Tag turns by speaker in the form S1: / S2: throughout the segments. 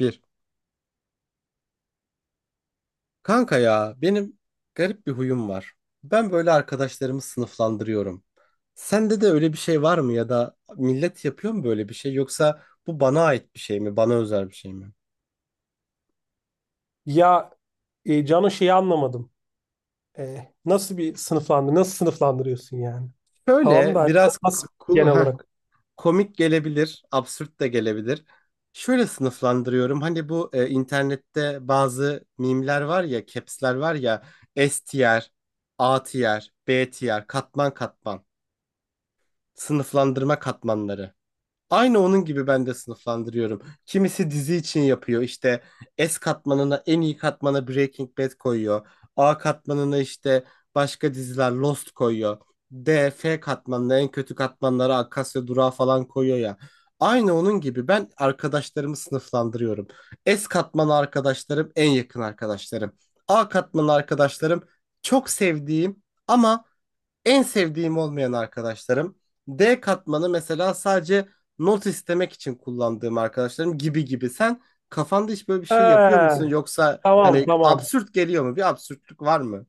S1: Bir. Kanka ya benim garip bir huyum var. Ben böyle arkadaşlarımı sınıflandırıyorum. Sende de öyle bir şey var mı, ya da millet yapıyor mu böyle bir şey, yoksa bu bana ait bir şey mi? Bana özel bir şey mi?
S2: Ya Cano şeyi anlamadım. Nasıl bir nasıl sınıflandırıyorsun yani? Tamam da
S1: Şöyle
S2: hani
S1: biraz
S2: nasıl
S1: cool-
S2: genel
S1: heh,
S2: olarak?
S1: komik gelebilir, absürt de gelebilir. Şöyle sınıflandırıyorum. Hani bu internette bazı mimler var ya, caps'ler var ya, S tier, A tier, B tier, katman katman, sınıflandırma katmanları. Aynı onun gibi ben de sınıflandırıyorum. Kimisi dizi için yapıyor. İşte S katmanına, en iyi katmana, Breaking Bad koyuyor. A katmanına işte başka diziler, Lost koyuyor. D, F katmanına, en kötü katmanlara, Akasya Durağı falan koyuyor ya. Aynı onun gibi ben arkadaşlarımı sınıflandırıyorum. S katmanı arkadaşlarım en yakın arkadaşlarım. A katmanı arkadaşlarım çok sevdiğim ama en sevdiğim olmayan arkadaşlarım. D katmanı mesela sadece not istemek için kullandığım arkadaşlarım gibi gibi. Sen kafanda hiç böyle bir şey yapıyor
S2: He,
S1: musun? Yoksa
S2: tamam,
S1: hani
S2: tamam.
S1: absürt geliyor mu? Bir absürtlük var mı?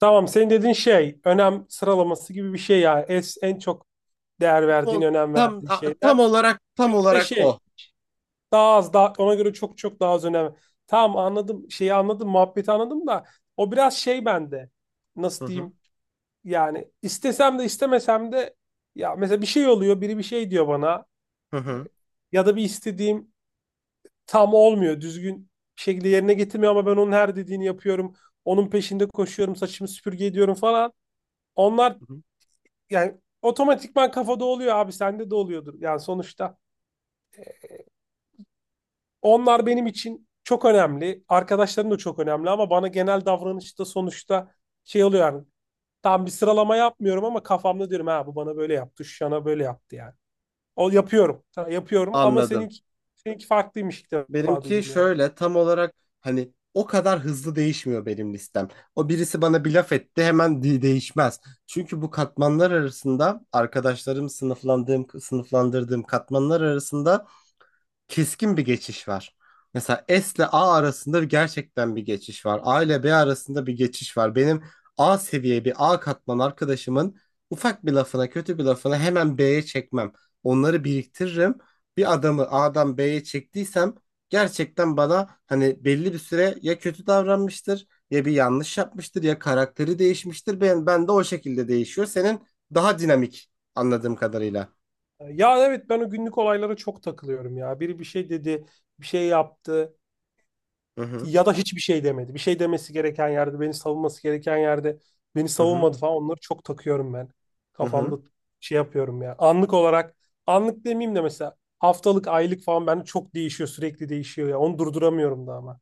S2: Tamam, senin dediğin şey önem sıralaması gibi bir şey ya. Es, en çok değer verdiğin,
S1: O
S2: önem verdiğin şeyler.
S1: tam olarak tam
S2: Bir de
S1: olarak
S2: şey,
S1: o.
S2: daha az ona göre çok çok daha az önem. Tamam, anladım, şeyi anladım, muhabbeti anladım da o biraz şey bende.
S1: Hı
S2: Nasıl
S1: hı.
S2: diyeyim, yani istesem de istemesem de, ya mesela bir şey oluyor, biri bir şey diyor bana,
S1: Hı hı.
S2: ya da bir istediğim tam olmuyor. Düzgün bir şekilde yerine getirmiyor ama ben onun her dediğini yapıyorum. Onun peşinde koşuyorum, saçımı süpürge ediyorum falan. Onlar
S1: Hı hı.
S2: yani otomatikman kafada oluyor abi, sende de oluyordur. Yani sonuçta onlar benim için çok önemli. Arkadaşlarım da çok önemli ama bana genel davranışta sonuçta şey oluyor yani. Tam bir sıralama yapmıyorum ama kafamda diyorum, ha bu bana böyle yaptı, şu yana böyle yaptı yani. O yapıyorum. Tamam, yapıyorum ama
S1: Anladım.
S2: seninki, seninki farklıymış, ilk defa
S1: Benimki
S2: duydum yani.
S1: şöyle tam olarak, hani o kadar hızlı değişmiyor benim listem. O birisi bana bir laf etti hemen değişmez. Çünkü bu katmanlar arasında, arkadaşlarım sınıflandırdığım katmanlar arasında keskin bir geçiş var. Mesela S ile A arasında gerçekten bir geçiş var. A ile B arasında bir geçiş var. Benim A katman arkadaşımın ufak bir lafına, kötü bir lafına hemen B'ye çekmem. Onları biriktiririm. Bir adamı A'dan B'ye çektiysem gerçekten bana hani belli bir süre ya kötü davranmıştır, ya bir yanlış yapmıştır, ya karakteri değişmiştir. Ben de o şekilde değişiyor. Senin daha dinamik anladığım kadarıyla.
S2: Ya evet, ben o günlük olaylara çok takılıyorum ya. Biri bir şey dedi, bir şey yaptı
S1: Hı hı,
S2: ya da hiçbir şey demedi. Bir şey demesi gereken yerde, beni savunması gereken yerde beni
S1: hı hı,
S2: savunmadı falan. Onları çok takıyorum ben.
S1: hı hı.
S2: Kafamda şey yapıyorum ya. Anlık olarak, anlık demeyeyim de mesela haftalık, aylık falan bende çok değişiyor, sürekli değişiyor ya. Onu durduramıyorum da ama.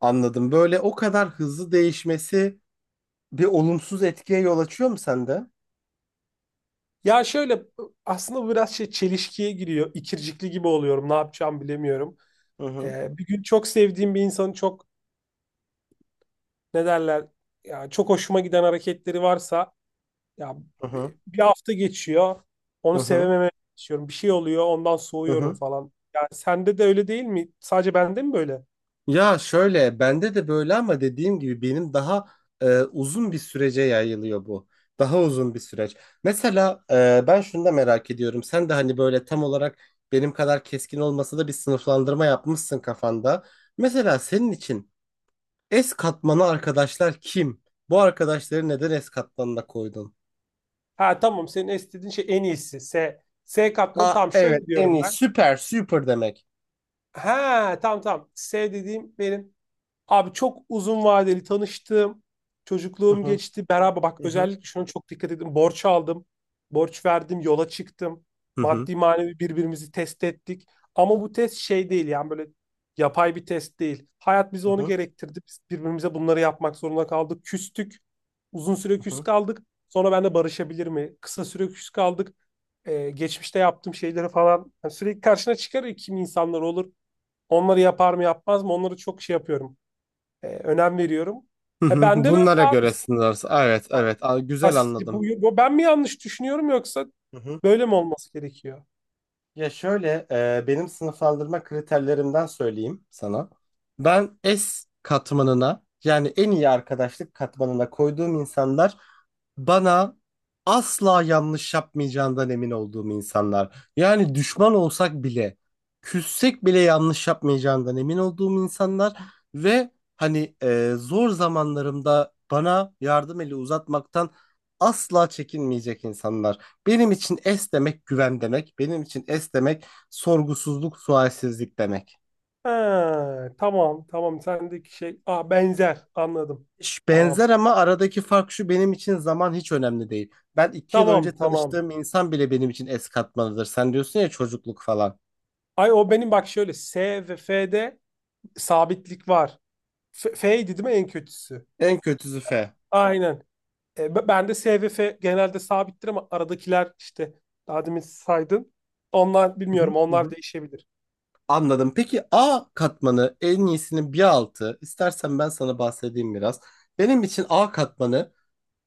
S1: Anladım. Böyle o kadar hızlı değişmesi bir olumsuz etkiye yol açıyor mu sende?
S2: Ya şöyle, aslında bu biraz şey, çelişkiye giriyor. İkircikli gibi oluyorum. Ne yapacağımı bilemiyorum.
S1: Hı hı,
S2: Bir gün çok sevdiğim bir insanı çok, ne derler, ya çok hoşuma giden hareketleri varsa ya,
S1: hı hı,
S2: bir hafta geçiyor,
S1: hı
S2: onu
S1: hı,
S2: sevememeye başlıyorum. Bir şey oluyor, ondan
S1: hı
S2: soğuyorum
S1: hı.
S2: falan. Yani sende de öyle değil mi? Sadece bende mi böyle?
S1: Ya şöyle, bende de böyle ama dediğim gibi benim daha uzun bir sürece yayılıyor bu. Daha uzun bir süreç. Mesela ben şunu da merak ediyorum. Sen de hani böyle tam olarak benim kadar keskin olmasa da bir sınıflandırma yapmışsın kafanda. Mesela senin için S katmanı arkadaşlar kim? Bu arkadaşları neden S katmanına koydun?
S2: Ha tamam, senin istediğin şey en iyisi. S. S katmanı
S1: Aa,
S2: tam
S1: evet,
S2: şöyle
S1: en
S2: diyorum
S1: iyi,
S2: ben.
S1: süper super demek.
S2: Ha, tamam tamam. S dediğim benim, abi çok uzun vadeli tanıştım.
S1: Hı
S2: Çocukluğum
S1: hı,
S2: geçti. Beraber bak,
S1: hı,
S2: özellikle şuna çok dikkat edin. Borç aldım. Borç verdim. Yola çıktım.
S1: hı, hı.
S2: Maddi manevi birbirimizi test ettik. Ama bu test şey değil yani, böyle yapay bir test değil. Hayat bize
S1: Hı
S2: onu
S1: hı,
S2: gerektirdi. Biz birbirimize bunları yapmak zorunda kaldık. Küstük. Uzun süre
S1: hı
S2: küs
S1: hı,
S2: kaldık. Sonra ben de barışabilir mi? Kısa süre küs kaldık. Geçmişte yaptığım şeyleri falan. Yani sürekli karşına çıkar ya, kim insanlar olur. Onları yapar mı yapmaz mı? Onları çok şey yapıyorum. Önem veriyorum.
S1: hı hı.
S2: Ben de böyle
S1: Bunlara
S2: abi.
S1: göre sınırlarız. Evet,
S2: Ha,
S1: evet. Aa,
S2: ha,
S1: güzel, anladım.
S2: bu, ben mi yanlış düşünüyorum, yoksa böyle mi olması gerekiyor?
S1: Ya şöyle, benim sınıflandırma kriterlerimden söyleyeyim sana. Ben S katmanına, yani en iyi arkadaşlık katmanına koyduğum insanlar, bana asla yanlış yapmayacağından emin olduğum insanlar. Yani düşman olsak bile, küssek bile yanlış yapmayacağından emin olduğum insanlar ve hani zor zamanlarımda bana yardım eli uzatmaktan asla çekinmeyecek insanlar. Benim için es demek güven demek. Benim için es demek sorgusuzluk, sualsizlik demek.
S2: Ha, tamam tamam, sendeki şey ah benzer, anladım. Tamam.
S1: Benzer ama aradaki fark şu, benim için zaman hiç önemli değil. Ben iki yıl önce
S2: Tamam tamam.
S1: tanıştığım insan bile benim için es katmanıdır. Sen diyorsun ya çocukluk falan.
S2: Ay o benim, bak şöyle S ve F'de sabitlik var. F, F'ydi değil mi en kötüsü?
S1: En kötüsü F.
S2: Aynen. Ben de SVF genelde sabittir ama aradakiler işte daha demin saydın. Onlar
S1: Hı hı,
S2: bilmiyorum,
S1: hı
S2: onlar
S1: hı.
S2: değişebilir.
S1: Anladım. Peki A katmanı en iyisinin bir altı. İstersen ben sana bahsedeyim biraz. Benim için A katmanı,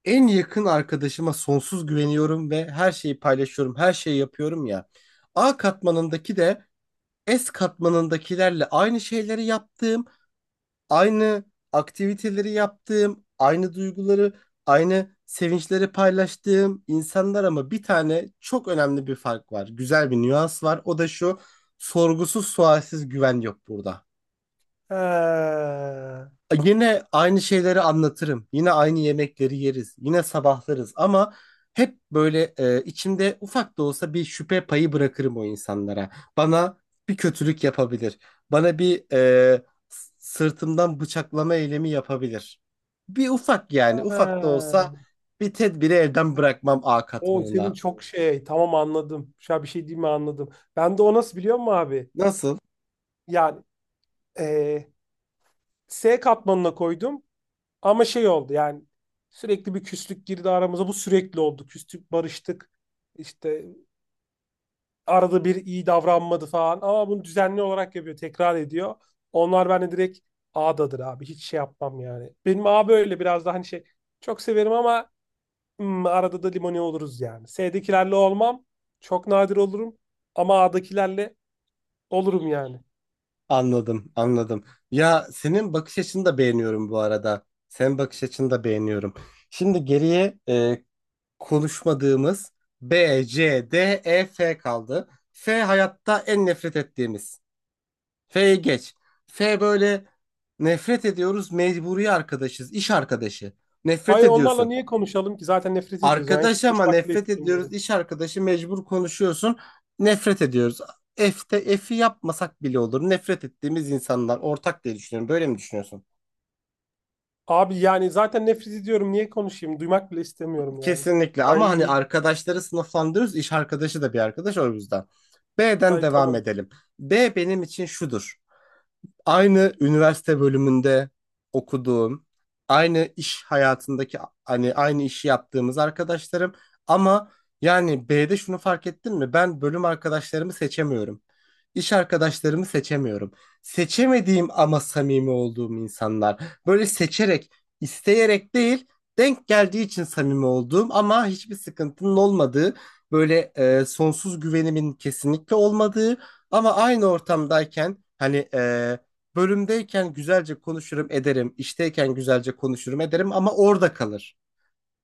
S1: en yakın arkadaşıma sonsuz güveniyorum ve her şeyi paylaşıyorum, her şeyi yapıyorum ya. A katmanındaki de S katmanındakilerle aynı şeyleri yaptığım, aynı aktiviteleri yaptığım, aynı duyguları, aynı sevinçleri paylaştığım insanlar ama bir tane çok önemli bir fark var. Güzel bir nüans var. O da şu, sorgusuz sualsiz güven yok burada.
S2: Ha.
S1: Yine aynı şeyleri anlatırım. Yine aynı yemekleri yeriz. Yine sabahlarız ama hep böyle içimde ufak da olsa bir şüphe payı bırakırım o insanlara. Bana bir kötülük yapabilir. Bana bir sırtımdan bıçaklama eylemi yapabilir. Bir ufak, yani ufak da
S2: Ha.
S1: olsa bir tedbiri elden bırakmam A
S2: O senin
S1: katmanına.
S2: çok şey, tamam anladım. Şu an bir şey diyeyim mi, anladım. Ben de o, nasıl biliyor musun abi?
S1: Nasıl?
S2: Yani eee, S katmanına koydum ama şey oldu yani, sürekli bir küslük girdi aramıza. Bu sürekli oldu. Küstük, barıştık. İşte arada bir iyi davranmadı falan ama bunu düzenli olarak yapıyor, tekrar ediyor. Onlar bende direkt A'dadır abi. Hiç şey yapmam yani. Benim A böyle biraz daha hani şey, çok severim ama arada da limoni oluruz yani. S'dekilerle olmam. Çok nadir olurum ama A'dakilerle olurum yani.
S1: Anladım, anladım. Ya senin bakış açını da beğeniyorum bu arada. Senin bakış açını da beğeniyorum. Şimdi geriye konuşmadığımız B, C, D, E, F kaldı. F hayatta en nefret ettiğimiz. F'ye geç. F böyle, nefret ediyoruz, mecburi arkadaşız, iş arkadaşı. Nefret
S2: Ay, onlarla
S1: ediyorsun.
S2: niye konuşalım ki? Zaten nefret ediyoruz yani. Hiç
S1: Arkadaş ama
S2: konuşmak bile
S1: nefret ediyoruz,
S2: istemiyorum.
S1: iş arkadaşı mecbur konuşuyorsun. Nefret ediyoruz. F'te F'i yapmasak bile olur. Nefret ettiğimiz insanlar ortak diye düşünüyorum. Böyle mi düşünüyorsun?
S2: Abi yani zaten nefret ediyorum. Niye konuşayım? Duymak bile istemiyorum yani.
S1: Kesinlikle, ama
S2: Ay,
S1: hani arkadaşları sınıflandırıyoruz. İş arkadaşı da bir arkadaş o yüzden. B'den
S2: ay
S1: devam
S2: tamam.
S1: edelim. B benim için şudur: aynı üniversite bölümünde okuduğum, aynı iş hayatındaki hani aynı işi yaptığımız arkadaşlarım, ama yani B'de şunu fark ettin mi? Ben bölüm arkadaşlarımı seçemiyorum. İş arkadaşlarımı seçemiyorum. Seçemediğim ama samimi olduğum insanlar. Böyle seçerek, isteyerek değil, denk geldiği için samimi olduğum ama hiçbir sıkıntının olmadığı, böyle sonsuz güvenimin kesinlikle olmadığı ama aynı ortamdayken, hani bölümdeyken güzelce konuşurum ederim, işteyken güzelce konuşurum ederim ama orada kalır.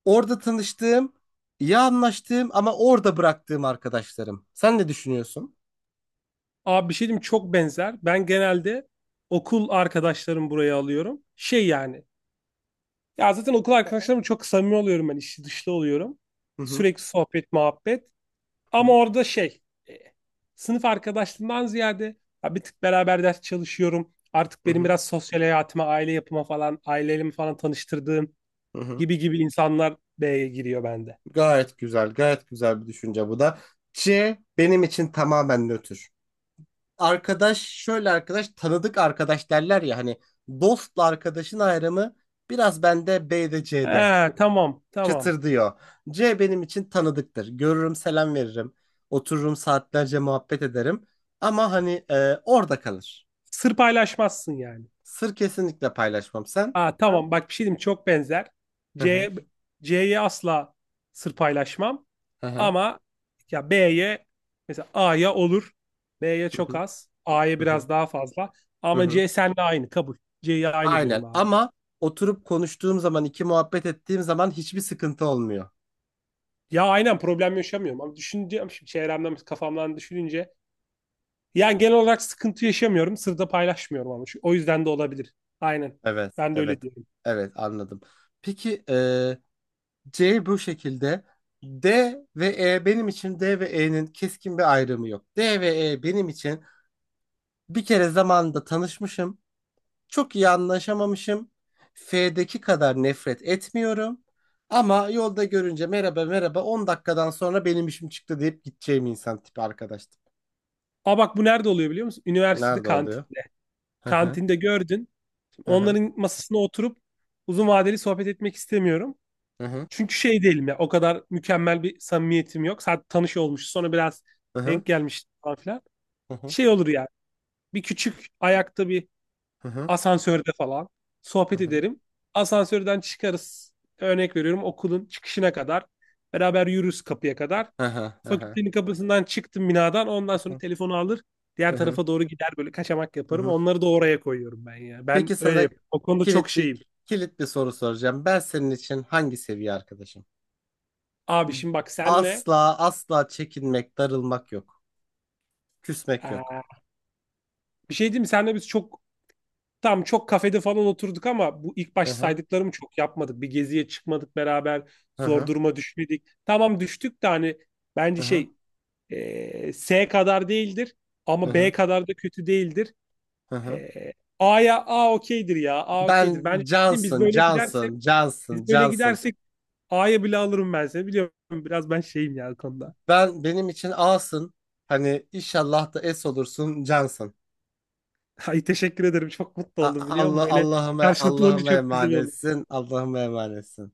S1: Orada tanıştığım, iyi anlaştığım ama orada bıraktığım arkadaşlarım. Sen ne düşünüyorsun?
S2: Abi bir şey diyeyim, çok benzer. Ben genelde okul arkadaşlarımı buraya alıyorum. Şey yani. Ya zaten okul arkadaşlarımla çok samimi oluyorum ben, içli dışlı oluyorum.
S1: Hı hı.
S2: Sürekli sohbet, muhabbet. Ama orada şey. e, Sınıf arkadaşlığından ziyade ya bir tık beraber ders çalışıyorum. Artık
S1: Hı
S2: benim
S1: hı.
S2: biraz sosyal hayatıma, aile yapıma falan, ailemi falan tanıştırdığım
S1: Hı hı.
S2: gibi gibi insanlar B'ye giriyor bende.
S1: Gayet güzel, gayet güzel bir düşünce bu da. C benim için tamamen nötr. Arkadaş, şöyle arkadaş, tanıdık, arkadaş derler ya hani, dostla arkadaşın ayrımı biraz bende B'de, C'de.
S2: Ha, tamam tamam.
S1: Çıtır diyor. C benim için tanıdıktır. Görürüm, selam veririm. Otururum saatlerce muhabbet ederim. Ama hani orada kalır.
S2: Sır paylaşmazsın yani.
S1: Sır kesinlikle paylaşmam sen.
S2: Aa, tamam bak, bir şey diyeyim, çok benzer.
S1: Hı hı.
S2: C C'ye asla sır paylaşmam.
S1: Hı hı.
S2: Ama ya B'ye, mesela A'ya olur. B'ye
S1: Hı
S2: çok
S1: hı.
S2: az. A'ya
S1: Hı hı.
S2: biraz daha fazla.
S1: Hı
S2: Ama
S1: hı.
S2: C seninle aynı kabul. C'ye aynı
S1: Aynen.
S2: diyorum abi.
S1: Ama oturup konuştuğum zaman, iki muhabbet ettiğim zaman hiçbir sıkıntı olmuyor.
S2: Ya aynen, problem yaşamıyorum ama düşüneceğim şimdi, çevremden kafamdan düşününce yani genel olarak sıkıntı yaşamıyorum. Sırda paylaşmıyorum ama o yüzden de olabilir. Aynen.
S1: Evet,
S2: Ben de öyle
S1: evet.
S2: diyorum.
S1: Evet, anladım. Peki, C bu şekilde. D D ve E'nin keskin bir ayrımı yok. D ve E benim için bir kere zamanında tanışmışım. Çok iyi anlaşamamışım. F'deki kadar nefret etmiyorum. Ama yolda görünce, merhaba merhaba, 10 dakikadan sonra benim işim çıktı deyip gideceğim insan tipi arkadaştım.
S2: Aa bak, bu nerede oluyor biliyor musun? Üniversitede,
S1: Nerede oluyor?
S2: kantinde.
S1: Hı hı,
S2: Kantinde gördün.
S1: hı hı,
S2: Onların masasına oturup uzun vadeli sohbet etmek istemiyorum.
S1: hı
S2: Çünkü şey değilim ya, o kadar mükemmel bir samimiyetim yok. Sadece tanış olmuş sonra biraz
S1: hı, hı
S2: denk gelmiş falan filan.
S1: hı, hı
S2: Şey olur yani, bir küçük ayakta bir,
S1: hı, hı hı,
S2: asansörde falan sohbet
S1: hı
S2: ederim. Asansörden çıkarız. Örnek veriyorum, okulun çıkışına kadar. Beraber yürürüz kapıya kadar.
S1: hı, hı
S2: Fakültenin kapısından çıktım binadan. Ondan sonra telefonu alır. Diğer
S1: hı, hı
S2: tarafa doğru gider, böyle kaçamak
S1: hı,
S2: yaparım.
S1: hı.
S2: Onları da oraya koyuyorum ben ya. Ben
S1: Peki
S2: öyle
S1: sana
S2: yapıyorum. O konuda çok
S1: kilit bir
S2: şeyim.
S1: kilit bir soru soracağım. Ben senin için hangi seviye arkadaşım?
S2: Abi şimdi bak, senle
S1: Asla asla çekinmek, darılmak yok. Küsmek yok.
S2: eee, bir şey diyeyim mi? Senle biz çok, çok kafede falan oturduk ama bu ilk başta saydıklarımı çok yapmadık. Bir geziye çıkmadık beraber.
S1: Hı
S2: Zor
S1: hı.
S2: duruma düşmedik. Tamam düştük de hani, bence
S1: Hı hı.
S2: şey. E, S kadar değildir
S1: Hı
S2: ama B
S1: hı.
S2: kadar da kötü değildir.
S1: Hı hı.
S2: E, A'ya, A okeydir ya. A okeydir.
S1: Ben
S2: Bence değil mi? Biz
S1: Johnson,
S2: böyle gidersek,
S1: Johnson, Johnson,
S2: biz böyle
S1: Johnson.
S2: gidersek A'ya bile alırım ben seni. Biliyorum, biraz ben şeyim ya bu konuda.
S1: Ben benim için A'sın. Hani inşallah da S olursun Johnson.
S2: Ay teşekkür ederim. Çok mutlu oldum
S1: A-
S2: biliyor musun? Böyle
S1: Allah'ıma
S2: karşılıklı olunca
S1: Allah'ıma
S2: çok güzel oldu.
S1: emanetsin. Allah'ıma emanetsin.